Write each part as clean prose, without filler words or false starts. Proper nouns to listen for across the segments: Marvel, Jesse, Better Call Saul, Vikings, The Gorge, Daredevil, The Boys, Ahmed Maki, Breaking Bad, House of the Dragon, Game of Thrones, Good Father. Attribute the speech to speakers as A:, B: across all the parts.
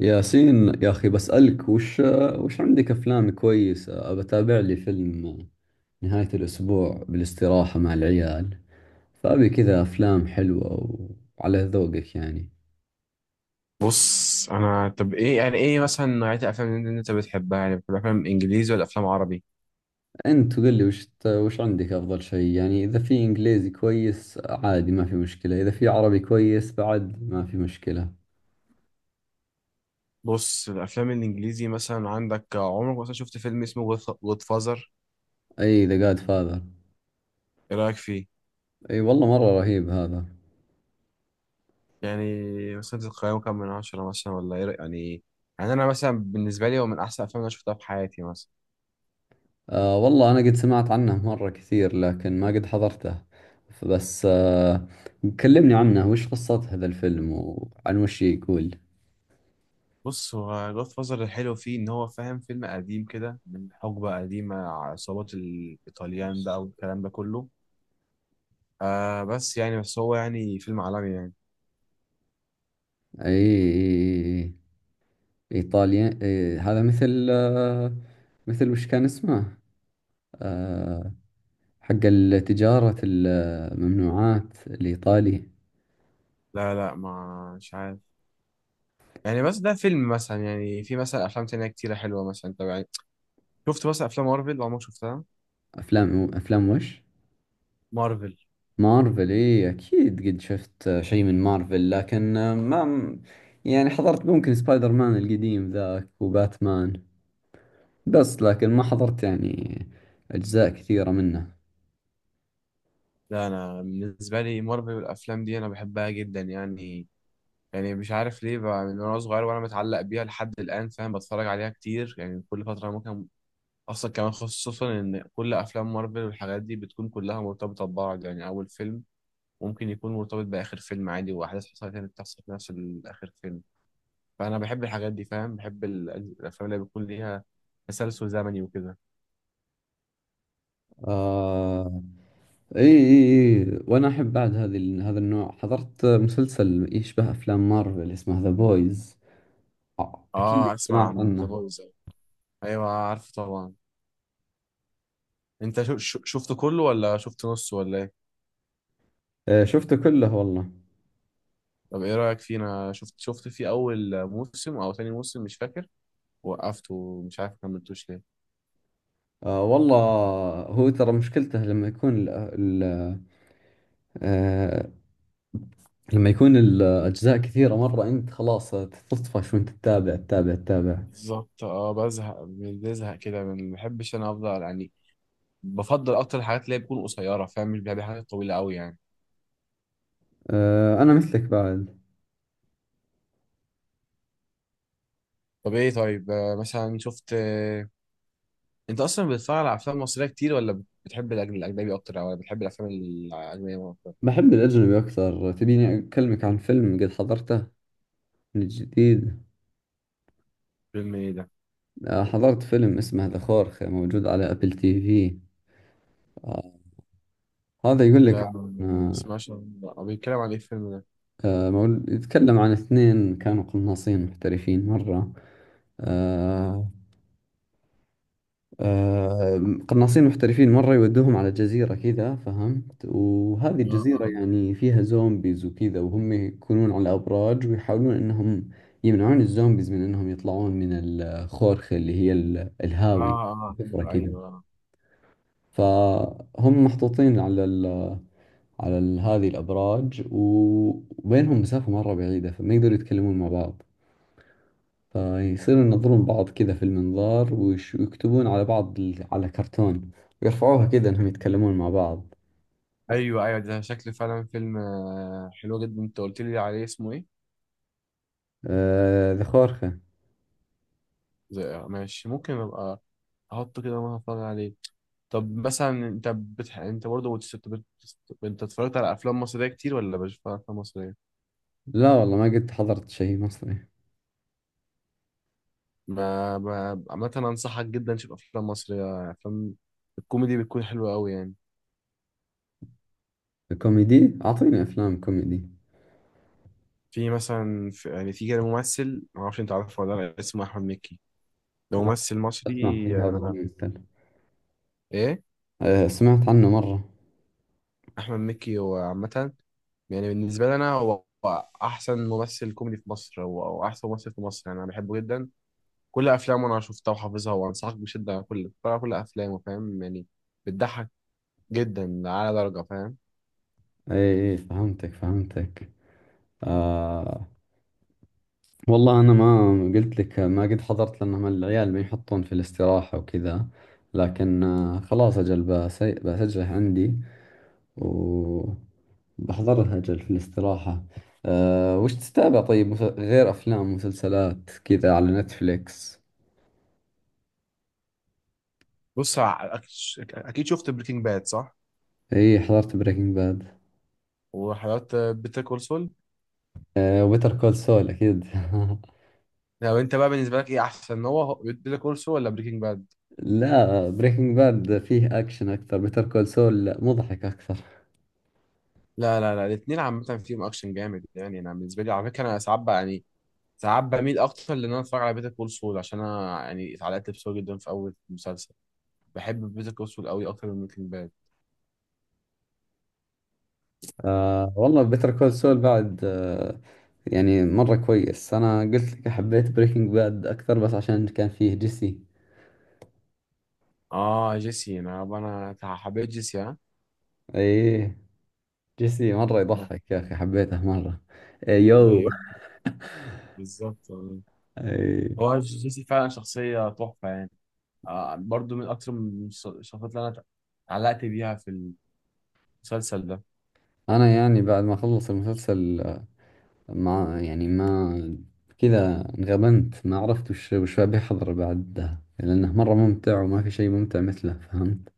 A: ياسين يا أخي، بسألك وش عندك أفلام كويسة؟ أبى أتابع لي فيلم نهاية الأسبوع بالاستراحة مع العيال، فأبي كذا أفلام حلوة وعلى ذوقك يعني.
B: بص، انا طب، ايه مثلا نوعية الافلام اللي انت بتحبها؟ يعني بتحب افلام انجليزي ولا افلام عربي؟
A: أنت قل لي وش عندك أفضل شيء، يعني إذا في إنجليزي كويس عادي ما في مشكلة، إذا في عربي كويس بعد ما في مشكلة.
B: بص، الافلام الانجليزي مثلا، عندك عمرك مثلا شفت فيلم اسمه جود فازر؟
A: أي ذا جاد فاذر.
B: ايه رايك فيه؟
A: أي والله، مرة رهيب هذا.
B: يعني مثلا تقييمه كام من 10 مثلا، ولا ايه يعني. يعني انا مثلا بالنسبة لي، هو من احسن الافلام اللي انا شفتها في حياتي مثلا.
A: آه والله، أنا قد سمعت عنه مرة كثير، لكن ما قد حضرته. بس. كلمني عنه، وش قصته هذا الفيلم وعن وش يقول؟
B: بص، هو جود فازر الحلو فيه ان هو، فاهم، فيلم قديم كده من حقبة قديمة، عصابات الايطاليان بقى والكلام ده كله. آه، بس هو يعني فيلم عالمي يعني.
A: أي أي. إيطاليا، أي هذا مثل وش كان اسمه، آه حق التجارة الممنوعات الإيطالي.
B: لا، لا، ما مش عارف. يعني بس ده فيلم، مثلا يعني في مثلا افلام تانية كتيرة حلوة، مثلا انت يعني شفت مثلا افلام مارفل؟ عمرك شفتها؟
A: أفلام وش؟
B: مارفل.
A: مارفل، ايه اكيد قد شفت شيء من مارفل، لكن ما يعني حضرت. ممكن سبايدر مان القديم ذاك وباتمان، بس لكن ما حضرت يعني اجزاء كثيرة منه.
B: لا، انا بالنسبة لي مارفل والافلام دي انا بحبها جدا يعني. يعني مش عارف ليه بقى، من وانا صغير وانا متعلق بيها لحد الان، فاهم؟ بتفرج عليها كتير يعني، كل فترة ممكن. اصلا كمان، خصوصا ان كل افلام مارفل والحاجات دي بتكون كلها مرتبطة ببعض، يعني اول فيلم ممكن يكون مرتبط باخر فيلم عادي، واحداث حصلت هنا بتحصل في نفس الاخر فيلم. فانا بحب الحاجات دي فاهم، بحب الافلام اللي بيكون ليها تسلسل زمني وكده.
A: آه. اي اي اي، وانا احب بعد هذا النوع. حضرت مسلسل يشبه افلام مارفل اسمه ذا بويز، اكيد
B: اه، اسمع
A: سمعت
B: عن ذا
A: عنه.
B: بويز. ايوه، عارف طبعا. انت شفته كله ولا شفت نصه ولا ايه؟
A: آه، شفته كله والله.
B: طب ايه رايك فيه؟ انا شفت فيه اول موسم او تاني موسم مش فاكر. وقفته، مش عارف كملتوش ليه.
A: آه والله، هو ترى مشكلته لما يكون ال- آه، لما يكون الأجزاء كثيرة مرة، أنت خلاص تطفش وأنت تتابع تتابع تتابع.
B: بالظبط، اه، بزهق بزهق كده، ما بحبش انا، افضل يعني. بفضل اكتر الحاجات اللي هي بتكون قصيره فاهم، مش بحب الحاجات الطويله قوي يعني.
A: أه، أنا مثلك بعد.
B: طب ايه طيب، مثلا شفت، انت اصلا بتتفرج على افلام مصريه كتير، ولا بتحب الاجنبي اكتر، او بتحب الافلام الاجنبيه اكتر؟
A: بحب الأجنبي أكثر. تبيني أكلمك عن فيلم قد حضرته من الجديد؟
B: فيلم ايه ده؟
A: أه، حضرت فيلم اسمه ذا خورخة، موجود على أبل تي في. أه. هذا يقول لك
B: لا،
A: عن
B: ما
A: أه
B: بسمعش، لا. هو بيتكلم عن ايه الفيلم ده؟
A: يتكلم عن اثنين كانوا قناصين محترفين مرة. أه. آه، قناصين محترفين مرة، يودوهم على جزيرة كذا فهمت، وهذه
B: اه،
A: الجزيرة
B: اه،
A: يعني فيها زومبيز وكذا، وهم يكونون على أبراج ويحاولون أنهم يمنعون الزومبيز من أنهم يطلعون من الخورخة اللي هي ال-
B: اه،
A: الهاوية
B: اه. آه،
A: الحفرة
B: ايوه،
A: كذا.
B: ايوه، آه.
A: فهم محطوطين على هذه الأبراج، و- وبينهم مسافة مرة بعيدة، فما يقدروا يتكلمون مع بعض، فيصيروا ينظرون بعض كذا في المنظار، ويكتبون على بعض على كرتون ويرفعوها كذا، انهم يتكلمون مع بعض.
B: ايوه، ايوه، ده شكل فعلا فيلم حلو جدا. انت قلت لي عليه اسمه ايه؟
A: آه، ذا خورخة.
B: ماشي، ممكن ابقى احطه كده وانا هتفرج عليه. طب مثلا، انت بتح... انت برضه بتست... بت... انت اتفرجت على افلام مصريه كتير ولا مش بتتفرج على افلام مصريه؟
A: لا والله، ما قد حضرت شيء مصري.
B: ب- عامة، أنصحك جدا تشوف أفلام مصرية، أفلام الكوميدي بتكون حلوة أوي يعني.
A: كوميدي، أعطيني أفلام كوميدي.
B: في مثلا في يعني في كده ممثل، معرفش أنت عارفه ولا لأ، اسمه أحمد مكي. ده
A: آه،
B: ممثل
A: أسمع في
B: مصري.
A: هذا
B: أنا
A: الممثل.
B: إيه
A: آه، سمعت عنه مرة.
B: أحمد مكي هو عامة، يعني بالنسبة لي أنا هو أحسن ممثل كوميدي في مصر، هو أحسن ممثل في مصر يعني، أنا بحبه جدا. كل أفلامه أنا شفتها وحافظها، وأنصحك بشدة على كل اتفرج على كل أفلامه فاهم يعني. بتضحك جدا على درجة فاهم.
A: أي أي، فهمتك فهمتك. آه والله، أنا ما قلت لك ما قد حضرت لأنهم العيال ما يحطون في الاستراحة وكذا، لكن خلاص أجل بسجله عندي، وبحضرها أجل في الاستراحة. أه، وش تتابع طيب غير أفلام ومسلسلات كذا على نتفليكس؟
B: بص، أكيد شفت بريكنج باد، صح؟
A: إي، حضرت بريكنج باد.
B: وحضرت بيتر كول سول.
A: أه، وبيتر كول سول أكيد
B: لو انت بقى بالنسبه لك ايه احسن، هو بيتر كول سول ولا بريكنج باد؟
A: لا، بريكنج باد فيه أكشن أكثر، بيتر كول سول مضحك أكثر.
B: لا، لا، لا، الاثنين عامه فيهم اكشن جامد يعني، انا بالنسبه لي على فكره انا ساعات بقى يعني، ساعات بميل اكتر، لان انا اتفرج على بيتر كول سول عشان انا يعني اتعلقت بسول جدا في اول مسلسل. بحب بيتر كول سول قوي اكتر من بريكنج باد.
A: أه والله، بيتر كول سول بعد. يعني مرة كويس، أنا قلت لك حبيت بريكنج باد أكثر بس عشان كان فيه جيسي.
B: اه، جيسي، انا حبيت جيسي، ها.
A: إيه، جيسي مرة يضحك يا أخي، حبيته مرة. إيه، يو.
B: ايوه، بالظبط، آه.
A: إيه.
B: هو جيسي فعلا شخصيه تحفه يعني. آه، برضو اكتر من الشخصيات اللي انا اتعلقت بيها في المسلسل ده.
A: انا يعني بعد ما خلص المسلسل، ما يعني ما كذا انغبنت، ما عرفت وش أبي أحضر بعدها، لأنه مرة ممتع وما في شيء ممتع مثله فهمت.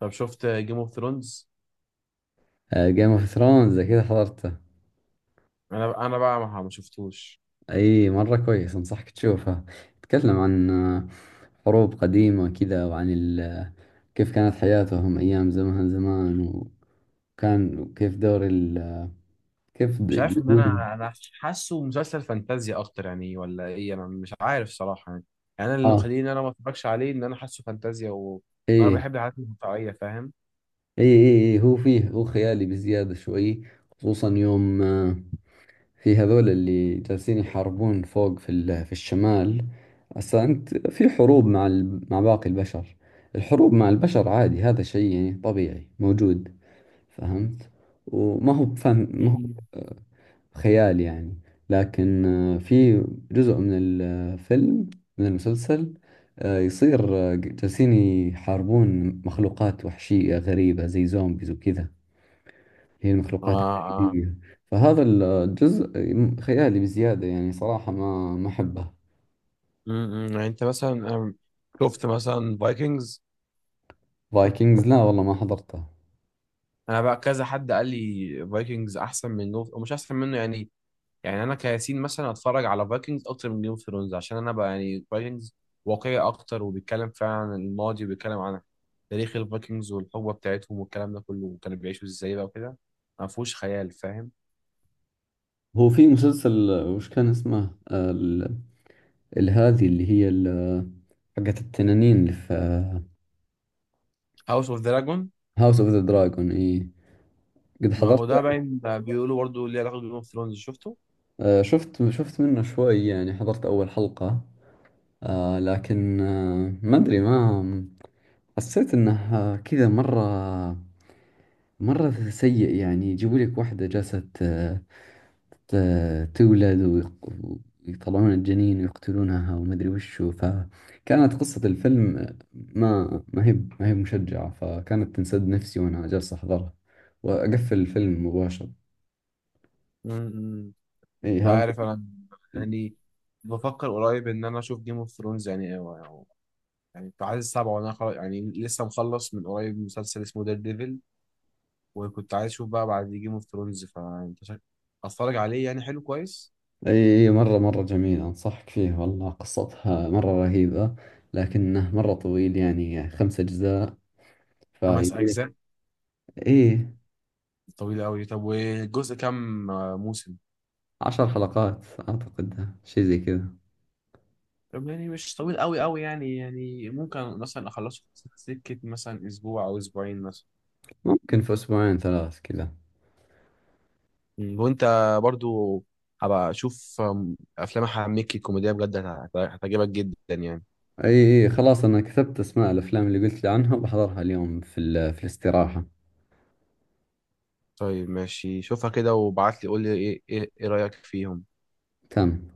B: طب شفت جيم اوف ثرونز؟
A: جيم اوف ثرونز زي كذا حضرته.
B: انا بقى ما شفتوش.
A: أي، مرة كويس، أنصحك تشوفه. يتكلم عن حروب قديمة كذا، وعن كيف كانت حياتهم أيام زمان زمان، وكيف دور كيف
B: مش عارف ان
A: يقولون.
B: انا حاسه مسلسل فانتازيا اكتر يعني ولا ايه، انا مش عارف صراحه يعني. يعني انا اللي
A: اه،
B: مخليني ان انا ما اتفرجش عليه، ان انا حاسه فانتازيا، وانا
A: ايه،
B: بحب الحاجات الواقعيه فاهم.
A: اي اي اي، هو فيه هو خيالي بزيادة شوي. خصوصا يوم في هذول اللي جالسين يحاربون فوق في الشمال. هسا انت في حروب مع باقي البشر. الحروب مع البشر عادي، هذا شيء يعني طبيعي موجود فهمت، وما هو بفن، ما هو
B: مم.
A: خيال يعني. لكن في جزء من الفيلم، من المسلسل، يصير جالسين يحاربون مخلوقات وحشية غريبة زي زومبيز وكذا، هي
B: اه،
A: المخلوقات
B: اه.
A: الحقيقية. فهذا الجزء خيالي بزيادة يعني، صراحة ما أحبه.
B: يعني انت مثلا شفت مثلا فايكنجز؟
A: فايكنجز، لا والله ما حضرته.
B: انا بقى كذا، حد قال لي فايكنجز احسن من جوف او مش احسن منه يعني. يعني انا كياسين مثلا اتفرج على فايكنجز اكتر من جيم اوف ثرونز، عشان انا بقى يعني فايكنجز واقعي اكتر، وبيتكلم فعلا عن الماضي، وبيتكلم عن تاريخ الفايكنجز والحقبه بتاعتهم والكلام ده كله، وكانوا بيعيشوا ازاي بقى وكده، ما فيهوش خيال فاهم.
A: هو في مسلسل وش كان اسمه، هذه اللي هي حقت التنانين اللي في.
B: هاوس اوف دراجون.
A: هاوس اوف ذا دراجون، اي قد
B: ما هو
A: حضرته.
B: ده باين، ده بيقولوا برضه ليه علاقه بجيم اوف ثرونز، شفته؟
A: شفت منه شوي يعني، حضرت أول حلقة. لكن ما أدري، ما حسيت إنه كذا مرة، مرة سيء يعني. يجيبوا لك واحدة جالسة تولد، ويطلعون الجنين ويقتلونها، وما ادري وشو فكانت قصة الفيلم. ما هي مشجعة، فكانت تنسد نفسي وانا جالس احضرها، واقفل الفيلم مباشر.
B: امم
A: اي،
B: مش
A: هذا.
B: عارف انا، يعني بفكر قريب ان انا اشوف جيم اوف ثرونز يعني. يعني في عايز السبعه وانا يعني لسه مخلص من قريب مسلسل اسمه دير ديفل، وكنت عايز اشوف بقى بعد جيم اوف ثرونز، فانت اتفرج عليه يعني حلو كويس.
A: اي، مرة مرة جميل، انصحك فيه والله قصتها مرة رهيبة، لكنه مرة طويل، يعني 5 اجزاء
B: 5 اجزاء؟
A: فيبيلك. اي،
B: طويل قوي، طب والجزء كام موسم؟
A: 10 حلقات اعتقد، شيء زي كذا.
B: طب يعني مش طويل قوي قوي، يعني ممكن مثلا اخلصه في سكة مثلا اسبوع او اسبوعين مثلا.
A: ممكن في اسبوعين ثلاث كذا.
B: مم. وانت برضو هبقى اشوف افلام حميكي كوميديا بجد هتعجبك جدا يعني.
A: اي إي، خلاص انا كتبت اسماء الافلام اللي قلت لي عنها، بحضرها اليوم في الاستراحة.
B: طيب ماشي، شوفها كده وبعت لي قول لي ايه ايه إيه رأيك فيهم؟
A: تمام.